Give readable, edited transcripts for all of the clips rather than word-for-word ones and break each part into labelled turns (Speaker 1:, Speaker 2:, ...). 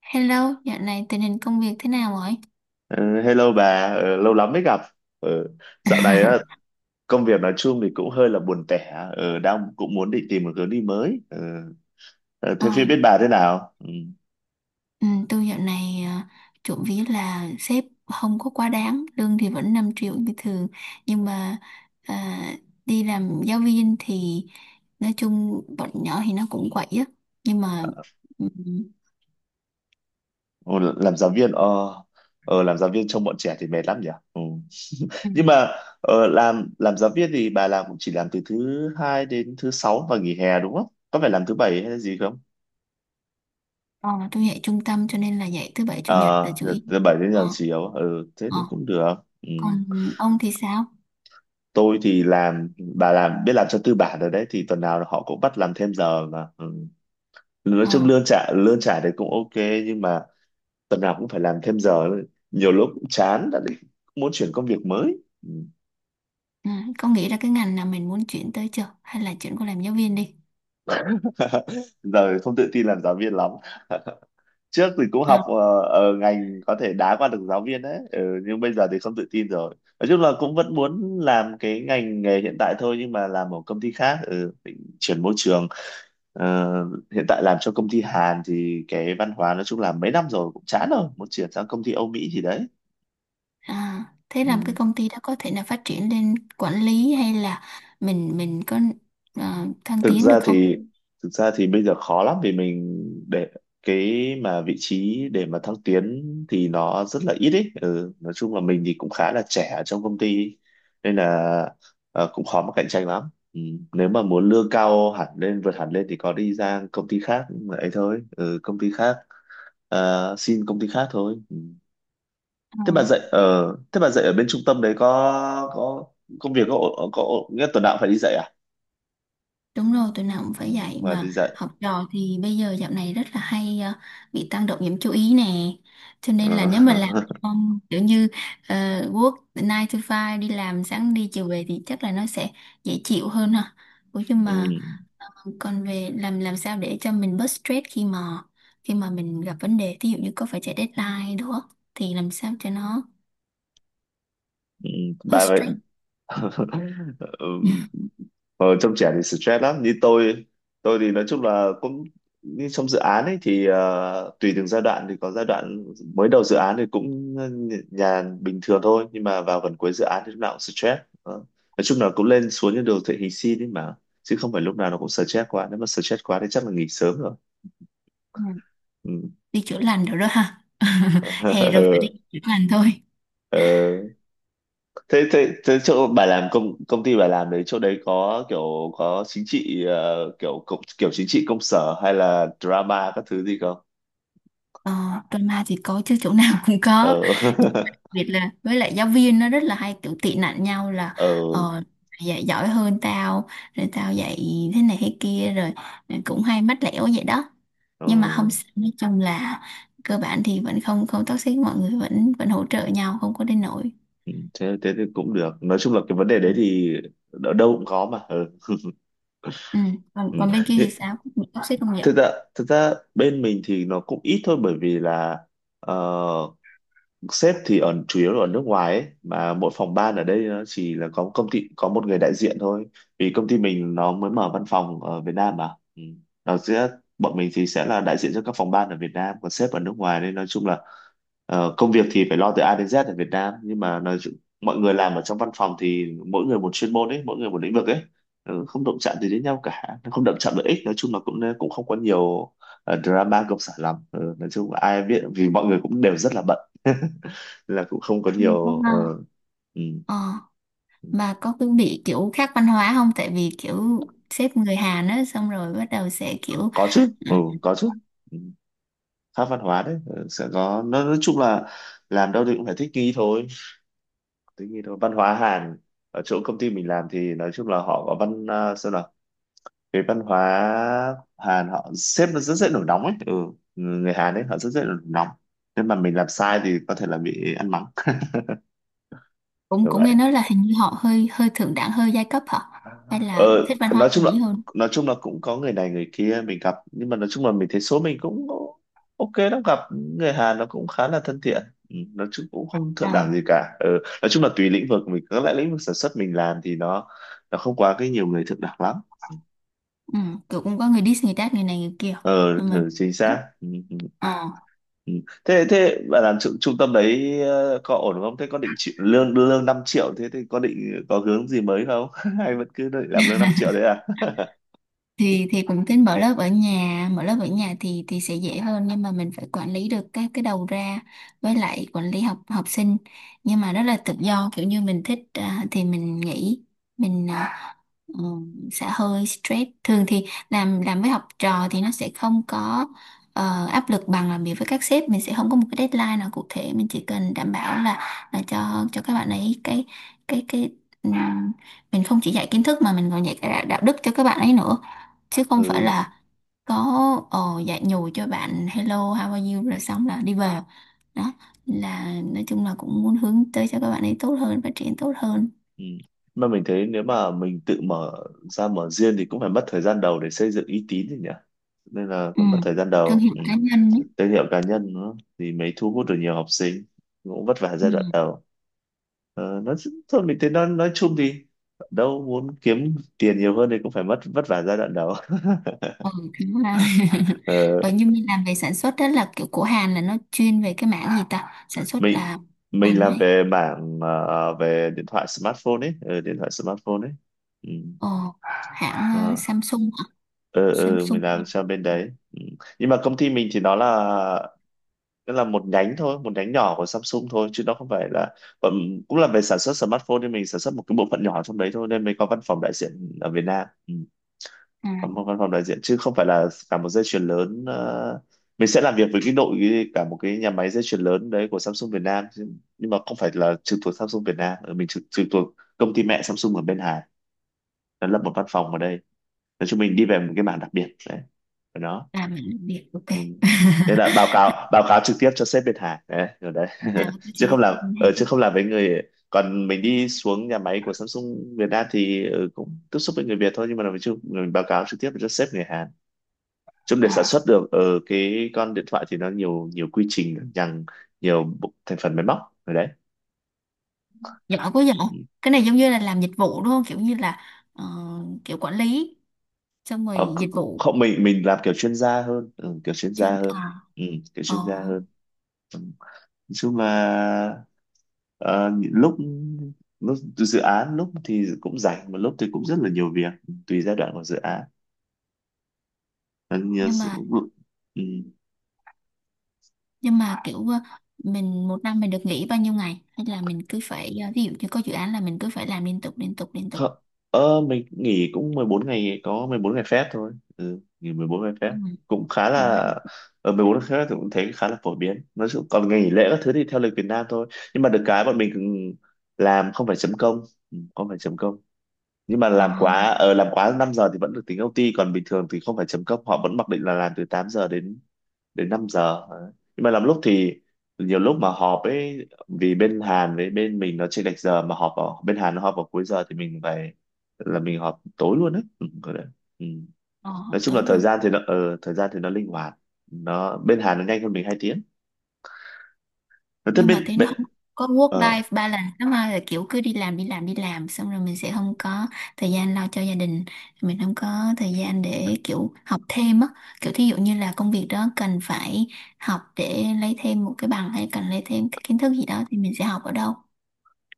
Speaker 1: Hello, dạo này tình hình công việc thế nào rồi?
Speaker 2: Ờ, Hello bà. Ờ, Lâu lắm mới gặp. Ờ, Dạo này á, công việc nói chung thì cũng hơi là buồn tẻ. Đang cũng muốn định tìm một hướng đi mới. Ờ, ờ,
Speaker 1: Ờ,
Speaker 2: Thế phía bên bà thế nào? Ừ.
Speaker 1: ừ, tôi dạo này trộm vía là sếp không có quá đáng, lương thì vẫn 5 triệu như thường, nhưng mà ờ, đi làm giáo viên thì nói chung bọn nhỏ thì nó cũng quậy á, nhưng mà ừ,
Speaker 2: Ồ, làm giáo viên, làm giáo viên trông bọn trẻ thì mệt lắm nhỉ? Ừ.
Speaker 1: ừ,
Speaker 2: Nhưng mà làm giáo viên thì bà làm cũng chỉ làm từ thứ hai đến thứ sáu và nghỉ hè đúng không? Có phải làm thứ bảy hay là gì không?
Speaker 1: ờ, tôi dạy trung tâm cho nên là dạy thứ bảy
Speaker 2: Ờ,
Speaker 1: chủ nhật là chủ yếu.
Speaker 2: thứ bảy đến
Speaker 1: Ờ,
Speaker 2: giờ chiều, ừ, thế
Speaker 1: ờ.
Speaker 2: thì cũng được. Ừ.
Speaker 1: Còn ông thì sao?
Speaker 2: Tôi thì làm, bà làm biết làm cho tư bản rồi đấy, thì tuần nào họ cũng bắt làm thêm giờ mà, ừ. Nói
Speaker 1: Ờ,
Speaker 2: chung lương trả đấy cũng ok, nhưng mà tuần nào cũng phải làm thêm giờ, nhiều lúc cũng chán, đã định muốn chuyển công việc mới. Ừ.
Speaker 1: ừ, có nghĩ ra cái ngành nào mình muốn chuyển tới chưa? Hay là chuyển qua làm giáo viên đi?
Speaker 2: Giờ không tự tin làm giáo viên lắm. Trước thì cũng
Speaker 1: Ờ,
Speaker 2: học ở ngành có thể đá qua được giáo viên đấy, ừ, nhưng bây giờ thì không tự tin rồi. Nói chung là cũng vẫn muốn làm cái ngành nghề hiện tại thôi nhưng mà làm ở công ty khác, ừ, định chuyển môi trường. Ờ, hiện tại làm cho công ty Hàn thì cái văn hóa nói chung là mấy năm rồi cũng chán rồi, muốn chuyển sang công ty Âu Mỹ gì đấy.
Speaker 1: À, thế làm cái
Speaker 2: Ừ.
Speaker 1: công ty đó có thể là phát triển lên quản lý hay là mình có à, thăng
Speaker 2: thực
Speaker 1: tiến được
Speaker 2: ra
Speaker 1: không?
Speaker 2: thì thực ra thì bây giờ khó lắm vì mình để cái mà vị trí để mà thăng tiến thì nó rất là ít ấy, ừ. Nói chung là mình thì cũng khá là trẻ ở trong công ty nên là cũng khó mà cạnh tranh lắm, ừ. Nếu mà muốn lương cao hẳn lên vượt hẳn lên thì có đi ra công ty khác ấy thôi, ừ, công ty khác. Ờ, xin công ty khác thôi.
Speaker 1: Ờ,
Speaker 2: Thế bà dạy ở bên trung tâm đấy có công việc có nghĩa là tuần nào cũng phải đi dạy à?
Speaker 1: đúng rồi, tụi nào cũng
Speaker 2: Ừ,
Speaker 1: phải dạy
Speaker 2: và
Speaker 1: mà
Speaker 2: đi dạy.
Speaker 1: học trò thì bây giờ dạo này rất là hay à, bị tăng động nhiễm chú ý nè. Cho
Speaker 2: Ừ.
Speaker 1: nên là nếu mà làm kiểu như ờ, work 9 to five đi làm sáng đi chiều về thì chắc là nó sẽ dễ chịu hơn ha. Ủa nhưng
Speaker 2: Ừ.
Speaker 1: mà còn về làm sao để cho mình bớt stress khi mà mình gặp vấn đề ví dụ như có phải chạy deadline đúng không thì làm sao cho nó
Speaker 2: Ừ.
Speaker 1: bớt
Speaker 2: Bà vậy.
Speaker 1: stress.
Speaker 2: Ừ,
Speaker 1: Ừ.
Speaker 2: ở trong trẻ thì stress lắm. Như tôi thì nói chung là cũng như trong dự án ấy thì tùy từng giai đoạn, thì có giai đoạn mới đầu dự án thì cũng nhàn bình thường thôi, nhưng mà vào gần cuối dự án thì lúc nào cũng stress. Ờ. Nói chung là cũng lên xuống như đồ thị hình sin ấy mà, chứ không phải lúc nào nó cũng stress quá. Nếu mà stress quá thì chắc là nghỉ sớm rồi. Ừ.
Speaker 1: Đi chữa lành được đó ha. Hè rồi phải đi chữa lành thôi.
Speaker 2: Ờ, thế thế thế chỗ bà làm, công công ty bà làm đấy, chỗ đấy có kiểu có chính trị, kiểu kiểu chính trị công sở hay là drama các thứ gì không?
Speaker 1: Ờ, Drama thì có chứ chỗ nào cũng có,
Speaker 2: Ờ.
Speaker 1: đặc biệt là với lại giáo viên nó rất là hay kiểu tị nạnh nhau là
Speaker 2: Ờ.
Speaker 1: ờ, dạy giỏi hơn tao, rồi tao dạy thế này thế kia, rồi cũng hay mách lẻo vậy đó.
Speaker 2: Ờ.
Speaker 1: Nhưng mà không sao, nói chung là cơ bản thì vẫn không không toxic, mọi người vẫn vẫn hỗ trợ nhau không có đến nỗi.
Speaker 2: Ừ, thế thế thì cũng được. Nói chung là cái vấn đề đấy thì ở đâu cũng có mà, ừ.
Speaker 1: Ừ. Còn
Speaker 2: Ừ.
Speaker 1: còn bên kia
Speaker 2: Nhưng-
Speaker 1: thì sao, có bị toxic không vậy?
Speaker 2: thực ra bên mình thì nó cũng ít thôi bởi vì là ờ, sếp thì ở chủ yếu là ở nước ngoài ấy mà, mỗi phòng ban ở đây nó chỉ là có công ty có một người đại diện thôi, vì công ty mình nó mới mở văn phòng ở Việt Nam mà, ừ. Nó sẽ, bọn mình thì sẽ là đại diện cho các phòng ban ở Việt Nam, còn sếp ở nước ngoài, nên nói chung là công việc thì phải lo từ A đến Z ở Việt Nam, nhưng mà nói chung, mọi người làm ở trong văn phòng thì mỗi người một chuyên môn ấy, mỗi người một lĩnh vực ấy. Ừ, không động chạm gì đến nhau cả, không động chạm lợi ích. Nói chung là cũng cũng không có nhiều drama công sở lắm. Ừ, nói chung là ai biết, vì mọi người cũng đều rất là bận. Là cũng không có
Speaker 1: Ừ, có
Speaker 2: nhiều,
Speaker 1: ha.
Speaker 2: ừ.
Speaker 1: Ờ, mà có cứ bị kiểu khác văn hóa không? Tại vì kiểu sếp người Hàn á xong rồi bắt đầu sẽ kiểu
Speaker 2: Có chứ,
Speaker 1: ừ,
Speaker 2: ừ, có chứ, ừ. Khác văn hóa đấy, sẽ có. Nó nói chung là làm đâu thì cũng phải thích nghi thôi, thích nghi thôi. Văn hóa Hàn, ở chỗ công ty mình làm thì nói chung là họ có văn, à, sao nào, cái văn hóa Hàn họ, sếp nó rất dễ nổi nóng ấy, ừ. Người Hàn ấy họ rất dễ nổi nóng, nên mà mình làm sai thì có thể là bị ăn mắng
Speaker 1: cũng
Speaker 2: kiểu
Speaker 1: cũng
Speaker 2: vậy.
Speaker 1: nghe nói là hình như họ hơi hơi thượng đẳng, hơi giai cấp hả? Hay
Speaker 2: Ờ,
Speaker 1: là thích văn hóa
Speaker 2: nói chung là,
Speaker 1: Mỹ hơn?
Speaker 2: cũng có người này người kia mình gặp, nhưng mà nói chung là mình thấy số mình cũng ok lắm. Gặp người Hàn nó cũng khá là thân thiện, ừ, nói chung cũng không thượng đẳng
Speaker 1: À.
Speaker 2: gì cả, ừ. Nói chung là tùy lĩnh vực mình, các lại lĩnh vực sản xuất mình làm thì nó không quá cái nhiều người thượng đẳng lắm.
Speaker 1: Ừ, kiểu cũng có người diss, người tát người này người kia.
Speaker 2: Ờ,
Speaker 1: Nhưng mà
Speaker 2: ừ, chính xác, ừ, ừ.
Speaker 1: đó.
Speaker 2: Ừ. thế thế bạn làm trung tâm đấy, có ổn không? Thế có định chịu, lương lương 5 triệu, thế thì có định có hướng gì mới không? Hay vẫn cứ định làm lương 5 triệu đấy à?
Speaker 1: Thì cũng tính mở lớp ở nhà. Mở lớp ở nhà thì sẽ dễ hơn, nhưng mà mình phải quản lý được các cái đầu ra, với lại quản lý học học sinh, nhưng mà rất là tự do, kiểu như mình thích à, thì mình nghỉ. mình à, ừ, sẽ hơi stress. Thường thì làm với học trò thì nó sẽ không có áp lực bằng làm việc với các sếp. Mình sẽ không có một cái deadline nào cụ thể, mình chỉ cần đảm bảo là cho các bạn ấy cái cái cái ừm, mình không chỉ dạy kiến thức mà mình còn dạy cả đạo đạo đức cho các bạn ấy nữa, chứ không phải
Speaker 2: Ừ.
Speaker 1: là có dạy nhồi cho bạn hello how are you rồi xong là đi về đó. Là nói chung là cũng muốn hướng tới cho các bạn ấy tốt hơn, phát triển tốt hơn.
Speaker 2: Ừ. Mà mình thấy nếu mà mình tự mở ra, mở riêng thì cũng phải mất thời gian đầu để xây dựng uy tín thì nhỉ. Nên là
Speaker 1: Ừ.
Speaker 2: cũng mất thời gian
Speaker 1: Thương
Speaker 2: đầu.
Speaker 1: hiệu
Speaker 2: Ừ.
Speaker 1: cá nhân ấy.
Speaker 2: Thương hiệu cá nhân nó thì mới thu hút được nhiều học sinh. Cũng vất vả
Speaker 1: Ừ.
Speaker 2: giai đoạn đầu. Ờ, nó, thôi mình thấy nó nói chung thì đâu muốn kiếm tiền nhiều hơn thì cũng phải mất vất vả giai đoạn đầu.
Speaker 1: Ừ, đúng là
Speaker 2: Ờ,
Speaker 1: ừ, nhưng mình làm về sản xuất đó là kiểu của Hàn là nó chuyên về cái mảng gì ta, sản xuất
Speaker 2: mình
Speaker 1: là
Speaker 2: mình
Speaker 1: Hàn
Speaker 2: làm
Speaker 1: hay
Speaker 2: về mảng về điện thoại smartphone ấy, ờ, điện thoại smartphone ấy. Ừ.
Speaker 1: ờ, hãng
Speaker 2: Ờ.
Speaker 1: Samsung hả?
Speaker 2: Ừ
Speaker 1: Samsung.
Speaker 2: mình làm cho bên đấy, ừ. Nhưng mà công ty mình thì nó là, nó là một nhánh thôi, một nhánh nhỏ của Samsung thôi chứ nó không phải là, bọn-, cũng là về sản xuất smartphone, nhưng mình sản xuất một cái bộ phận nhỏ trong đấy thôi nên mới có văn phòng đại diện ở Việt Nam, ừ. Có một
Speaker 1: À,
Speaker 2: văn phòng đại diện chứ không phải là cả một dây chuyền lớn. Ờ, mình sẽ làm việc với cái đội, cả một cái nhà máy dây chuyền lớn đấy của Samsung Việt Nam chứ- nhưng mà không phải là trực thuộc Samsung Việt Nam. Ừ, mình trực thuộc công ty mẹ Samsung ở bên Hà, nó lập một văn phòng ở đây. Nói chung mình đi về một cái mảng đặc biệt đấy ở đó.
Speaker 1: là mình làm việc ok.
Speaker 2: Ừ. Nên là báo cáo trực tiếp cho sếp Việt Hà đấy, rồi đấy.
Speaker 1: À, cái
Speaker 2: Chứ không
Speaker 1: gì?
Speaker 2: làm ở, chứ
Speaker 1: Hàn.
Speaker 2: không làm với người, còn mình đi xuống nhà máy của Samsung Việt Nam thì ừ, cũng tiếp xúc với người Việt thôi, nhưng mà mình chưa, mình báo cáo trực tiếp cho sếp người Hàn. Chung để sản
Speaker 1: Ờ,
Speaker 2: xuất được ở cái con điện thoại thì nó nhiều nhiều quy trình nhằng, nhiều bộ- thành phần máy móc, rồi đấy.
Speaker 1: giỏi quá giỏi.
Speaker 2: Ừ.
Speaker 1: Cái này giống như là làm dịch vụ đúng không, kiểu như là ờ, kiểu quản lý xong rồi
Speaker 2: Ờ,
Speaker 1: dịch vụ.
Speaker 2: không, mình làm kiểu chuyên gia hơn, ừ, kiểu chuyên
Speaker 1: Chuyên
Speaker 2: gia hơn,
Speaker 1: à.
Speaker 2: ừ, kiểu
Speaker 1: ờ,
Speaker 2: chuyên gia hơn. Nói chung là lúc lúc dự án, lúc thì cũng rảnh mà lúc thì cũng rất là nhiều việc, tùy giai đoạn của dự án. Ờ, nhiều
Speaker 1: nhưng
Speaker 2: sự-,
Speaker 1: mà
Speaker 2: ừ.
Speaker 1: kiểu mình một năm mình được nghỉ bao nhiêu ngày, hay là mình cứ phải ví dụ như có dự án là mình cứ phải làm liên tục liên tục?
Speaker 2: Không, mình nghỉ cũng 14 ngày, có 14 ngày phép thôi, ừ, nghỉ 14 ngày phép
Speaker 1: Ừ.
Speaker 2: cũng khá
Speaker 1: Ừ.
Speaker 2: là, ở 14 ngày phép thì cũng thấy khá là phổ biến. Nói chung còn ngày nghỉ lễ các thứ thì theo lịch Việt Nam thôi. Nhưng mà được cái bọn mình cũng làm không phải chấm công. Ừ, không phải chấm công, nhưng mà
Speaker 1: ờ,
Speaker 2: làm quá làm quá 5 giờ thì vẫn được tính OT, còn bình thường thì không phải chấm công, họ vẫn mặc định là làm từ 8 giờ đến, đến 5 giờ. Đấy. Nhưng mà làm lúc thì, nhiều lúc mà họp ấy, vì bên Hàn với bên mình nó chênh lệch giờ, mà họp vào bên Hàn nó họp vào cuối giờ thì mình phải là mình họp tối luôn đấy, ừ, kiểu đấy. Ừ.
Speaker 1: ờ,
Speaker 2: Nói chung
Speaker 1: Tốt
Speaker 2: là thời
Speaker 1: luôn.
Speaker 2: gian thì nó, thời gian thì nó linh hoạt. Nó bên Hàn nó nhanh hơn mình 2 tiếng. Thế
Speaker 1: Nhưng mà
Speaker 2: bên
Speaker 1: thấy nó
Speaker 2: bên,
Speaker 1: không có work life
Speaker 2: ờ,
Speaker 1: balance lắm ha, là kiểu cứ đi làm đi làm xong rồi mình sẽ không có thời gian lo cho gia đình, mình không có thời gian để kiểu học thêm á, kiểu thí dụ như là công việc đó cần phải học để lấy thêm một cái bằng hay cần lấy thêm cái kiến thức gì đó thì mình sẽ học ở đâu?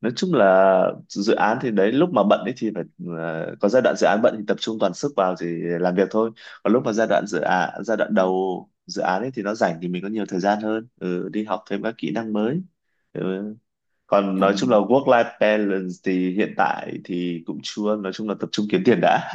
Speaker 2: nói chung là dự án thì đấy, lúc mà bận ấy thì phải, có giai đoạn dự án bận thì tập trung toàn sức vào thì làm việc thôi, còn lúc mà giai đoạn dự án, giai đoạn đầu dự án ấy thì nó rảnh thì mình có nhiều thời gian hơn, ừ, đi học thêm các kỹ năng mới, ừ. Còn
Speaker 1: Ờ.
Speaker 2: nói chung là work life balance thì hiện tại thì cũng chưa, nói chung là tập trung kiếm tiền đã.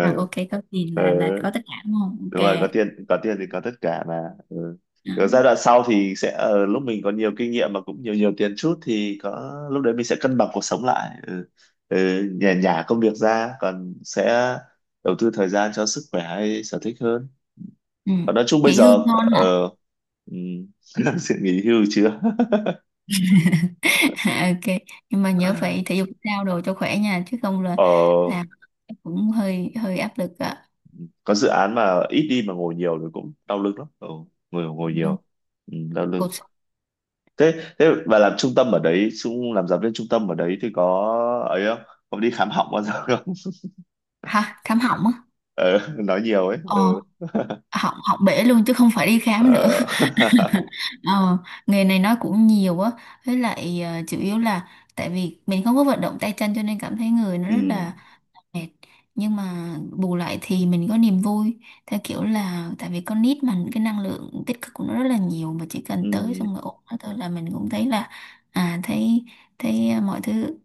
Speaker 1: À, ok, có tiền là có
Speaker 2: Ừ,
Speaker 1: tất cả đúng không?
Speaker 2: đúng rồi, có
Speaker 1: Ok.
Speaker 2: tiền, có tiền thì có tất cả mà, ừ. Ở giai
Speaker 1: À.
Speaker 2: đoạn sau thì sẽ, lúc mình có nhiều kinh nghiệm mà cũng nhiều nhiều tiền chút thì có lúc đấy mình sẽ cân bằng cuộc sống lại, ừ. Ừ, nhả nhả công việc ra, còn sẽ đầu tư thời gian cho sức khỏe hay sở thích hơn.
Speaker 1: Ừ.
Speaker 2: Còn nói chung bây
Speaker 1: Nghỉ hưu
Speaker 2: giờ,
Speaker 1: ngon hả?
Speaker 2: ừ, sự nghỉ hưu chưa.
Speaker 1: À, ok, nhưng mà nhớ phải thể dục thể thao đồ cho khỏe nha, chứ không là
Speaker 2: Ờ,
Speaker 1: là cũng hơi hơi áp lực ạ.
Speaker 2: có dự án mà ít đi mà ngồi nhiều thì cũng đau lưng lắm, ừ, ngồi ngồi nhiều, ừ, đau lưng.
Speaker 1: Cột.
Speaker 2: Thế thế và làm trung tâm ở đấy, xuống làm giáo viên trung tâm ở đấy thì có ấy không, có đi khám họng bao giờ không?
Speaker 1: Ha, khám họng á?
Speaker 2: Ừ, nói nhiều ấy,
Speaker 1: ờ
Speaker 2: ừ.
Speaker 1: Họng họng bể luôn chứ không phải đi khám nữa.
Speaker 2: Ờ.
Speaker 1: Ờ, nghề này nó cũng nhiều á, với lại chủ yếu là tại vì mình không có vận động tay chân, cho nên cảm thấy người nó rất
Speaker 2: Ừ.
Speaker 1: là mệt. Nhưng mà bù lại thì mình có niềm vui, theo kiểu là tại vì con nít mà cái năng lượng tích cực của nó rất là nhiều, mà chỉ cần tới
Speaker 2: Ừ.
Speaker 1: xong rồi ôm nó thôi là mình cũng thấy là à, thấy thấy mọi thứ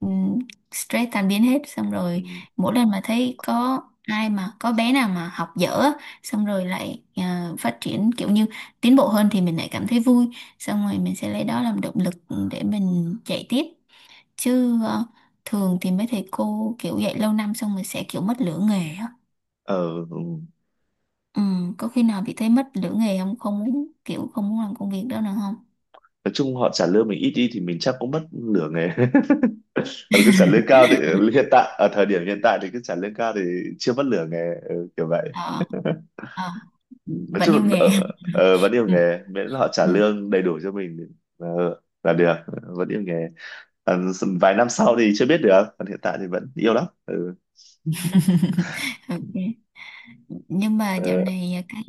Speaker 1: ừm, stress tan biến hết. Xong
Speaker 2: Ừ.
Speaker 1: rồi mỗi lần mà thấy có ai mà có bé nào mà học dở á, xong rồi lại à, phát triển kiểu như tiến bộ hơn thì mình lại cảm thấy vui, xong rồi mình sẽ lấy đó làm động lực để mình chạy tiếp. Chứ thường thì mấy thầy cô kiểu dạy lâu năm xong rồi sẽ kiểu mất lửa nghề á.
Speaker 2: Ờ, ừ.
Speaker 1: Ừ, có khi nào bị thấy mất lửa nghề không, không muốn kiểu không muốn làm công việc đó nữa không?
Speaker 2: Nói chung họ trả lương mình ít đi thì mình chắc cũng mất nửa nghề. Còn cứ trả lương cao thì, hiện tại ở thời điểm hiện tại thì cứ trả lương cao thì chưa mất nửa nghề, ừ, kiểu vậy.
Speaker 1: ờ ờ
Speaker 2: Nói
Speaker 1: Vẫn
Speaker 2: chung là
Speaker 1: yêu nghề.
Speaker 2: đỡ, ờ, vẫn yêu
Speaker 1: Ừ,
Speaker 2: nghề miễn là họ trả
Speaker 1: ừ,
Speaker 2: lương đầy đủ cho mình. ờ, là được, vẫn yêu nghề, còn vài năm sau thì chưa biết được, còn hiện tại thì vẫn yêu lắm, ừ.
Speaker 1: ok. Nhưng mà dạo
Speaker 2: Ờ.
Speaker 1: này cái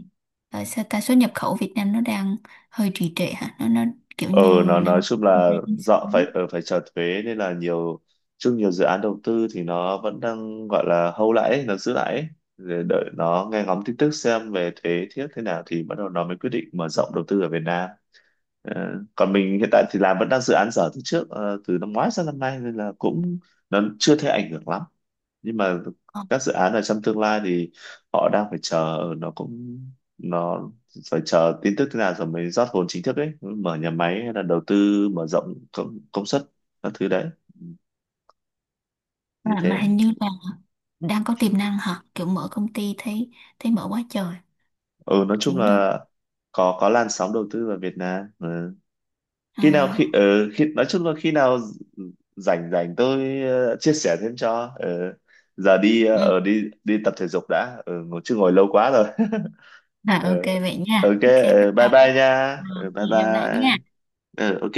Speaker 1: sao ta, xuất nhập khẩu Việt Nam nó đang hơi trì trệ hả, nó kiểu
Speaker 2: Ờ, nó
Speaker 1: như
Speaker 2: nói
Speaker 1: năm.
Speaker 2: chung là dọ phải, phải trả thuế nên là nhiều chung, nhiều dự án đầu tư thì nó vẫn đang gọi là hold lại ấy, nó giữ lại ấy. Để đợi nó nghe ngóng tin tức xem về thuế thiết thế nào thì bắt đầu nó mới quyết định mở rộng đầu tư ở Việt Nam. Ờ, còn mình hiện tại thì làm vẫn đang dự án dở từ trước, từ năm ngoái sang năm nay nên là cũng, nó chưa thấy ảnh hưởng lắm. Nhưng mà
Speaker 1: Ờ,
Speaker 2: các dự án ở trong tương lai thì họ đang phải chờ, nó cũng, nó phải chờ tin tức thế nào rồi mới rót vốn chính thức ấy, mở nhà máy hay là đầu tư mở rộng công suất các thứ đấy, như
Speaker 1: mà,
Speaker 2: thế.
Speaker 1: hình như là đang có tiềm năng hả, kiểu mở công ty thấy thấy mở quá trời,
Speaker 2: Ừ, nói
Speaker 1: kiểu
Speaker 2: chung
Speaker 1: như
Speaker 2: là có làn sóng đầu tư vào Việt Nam, ừ.
Speaker 1: à,
Speaker 2: Khi nào khi, ừ, khi nói chung là khi nào rảnh rảnh tôi, chia sẻ thêm cho, ừ. Giờ đi,
Speaker 1: ừ,
Speaker 2: ở đi đi tập thể dục đã, ừ, ngồi chứ ngồi lâu quá rồi.
Speaker 1: à,
Speaker 2: Ừ.
Speaker 1: ok vậy nha.
Speaker 2: Ok,
Speaker 1: Ok, bye bye.
Speaker 2: ừ, bye bye nha,
Speaker 1: À,
Speaker 2: ừ, bye
Speaker 1: hẹn gặp lại
Speaker 2: bye,
Speaker 1: nha.
Speaker 2: ừ, ok.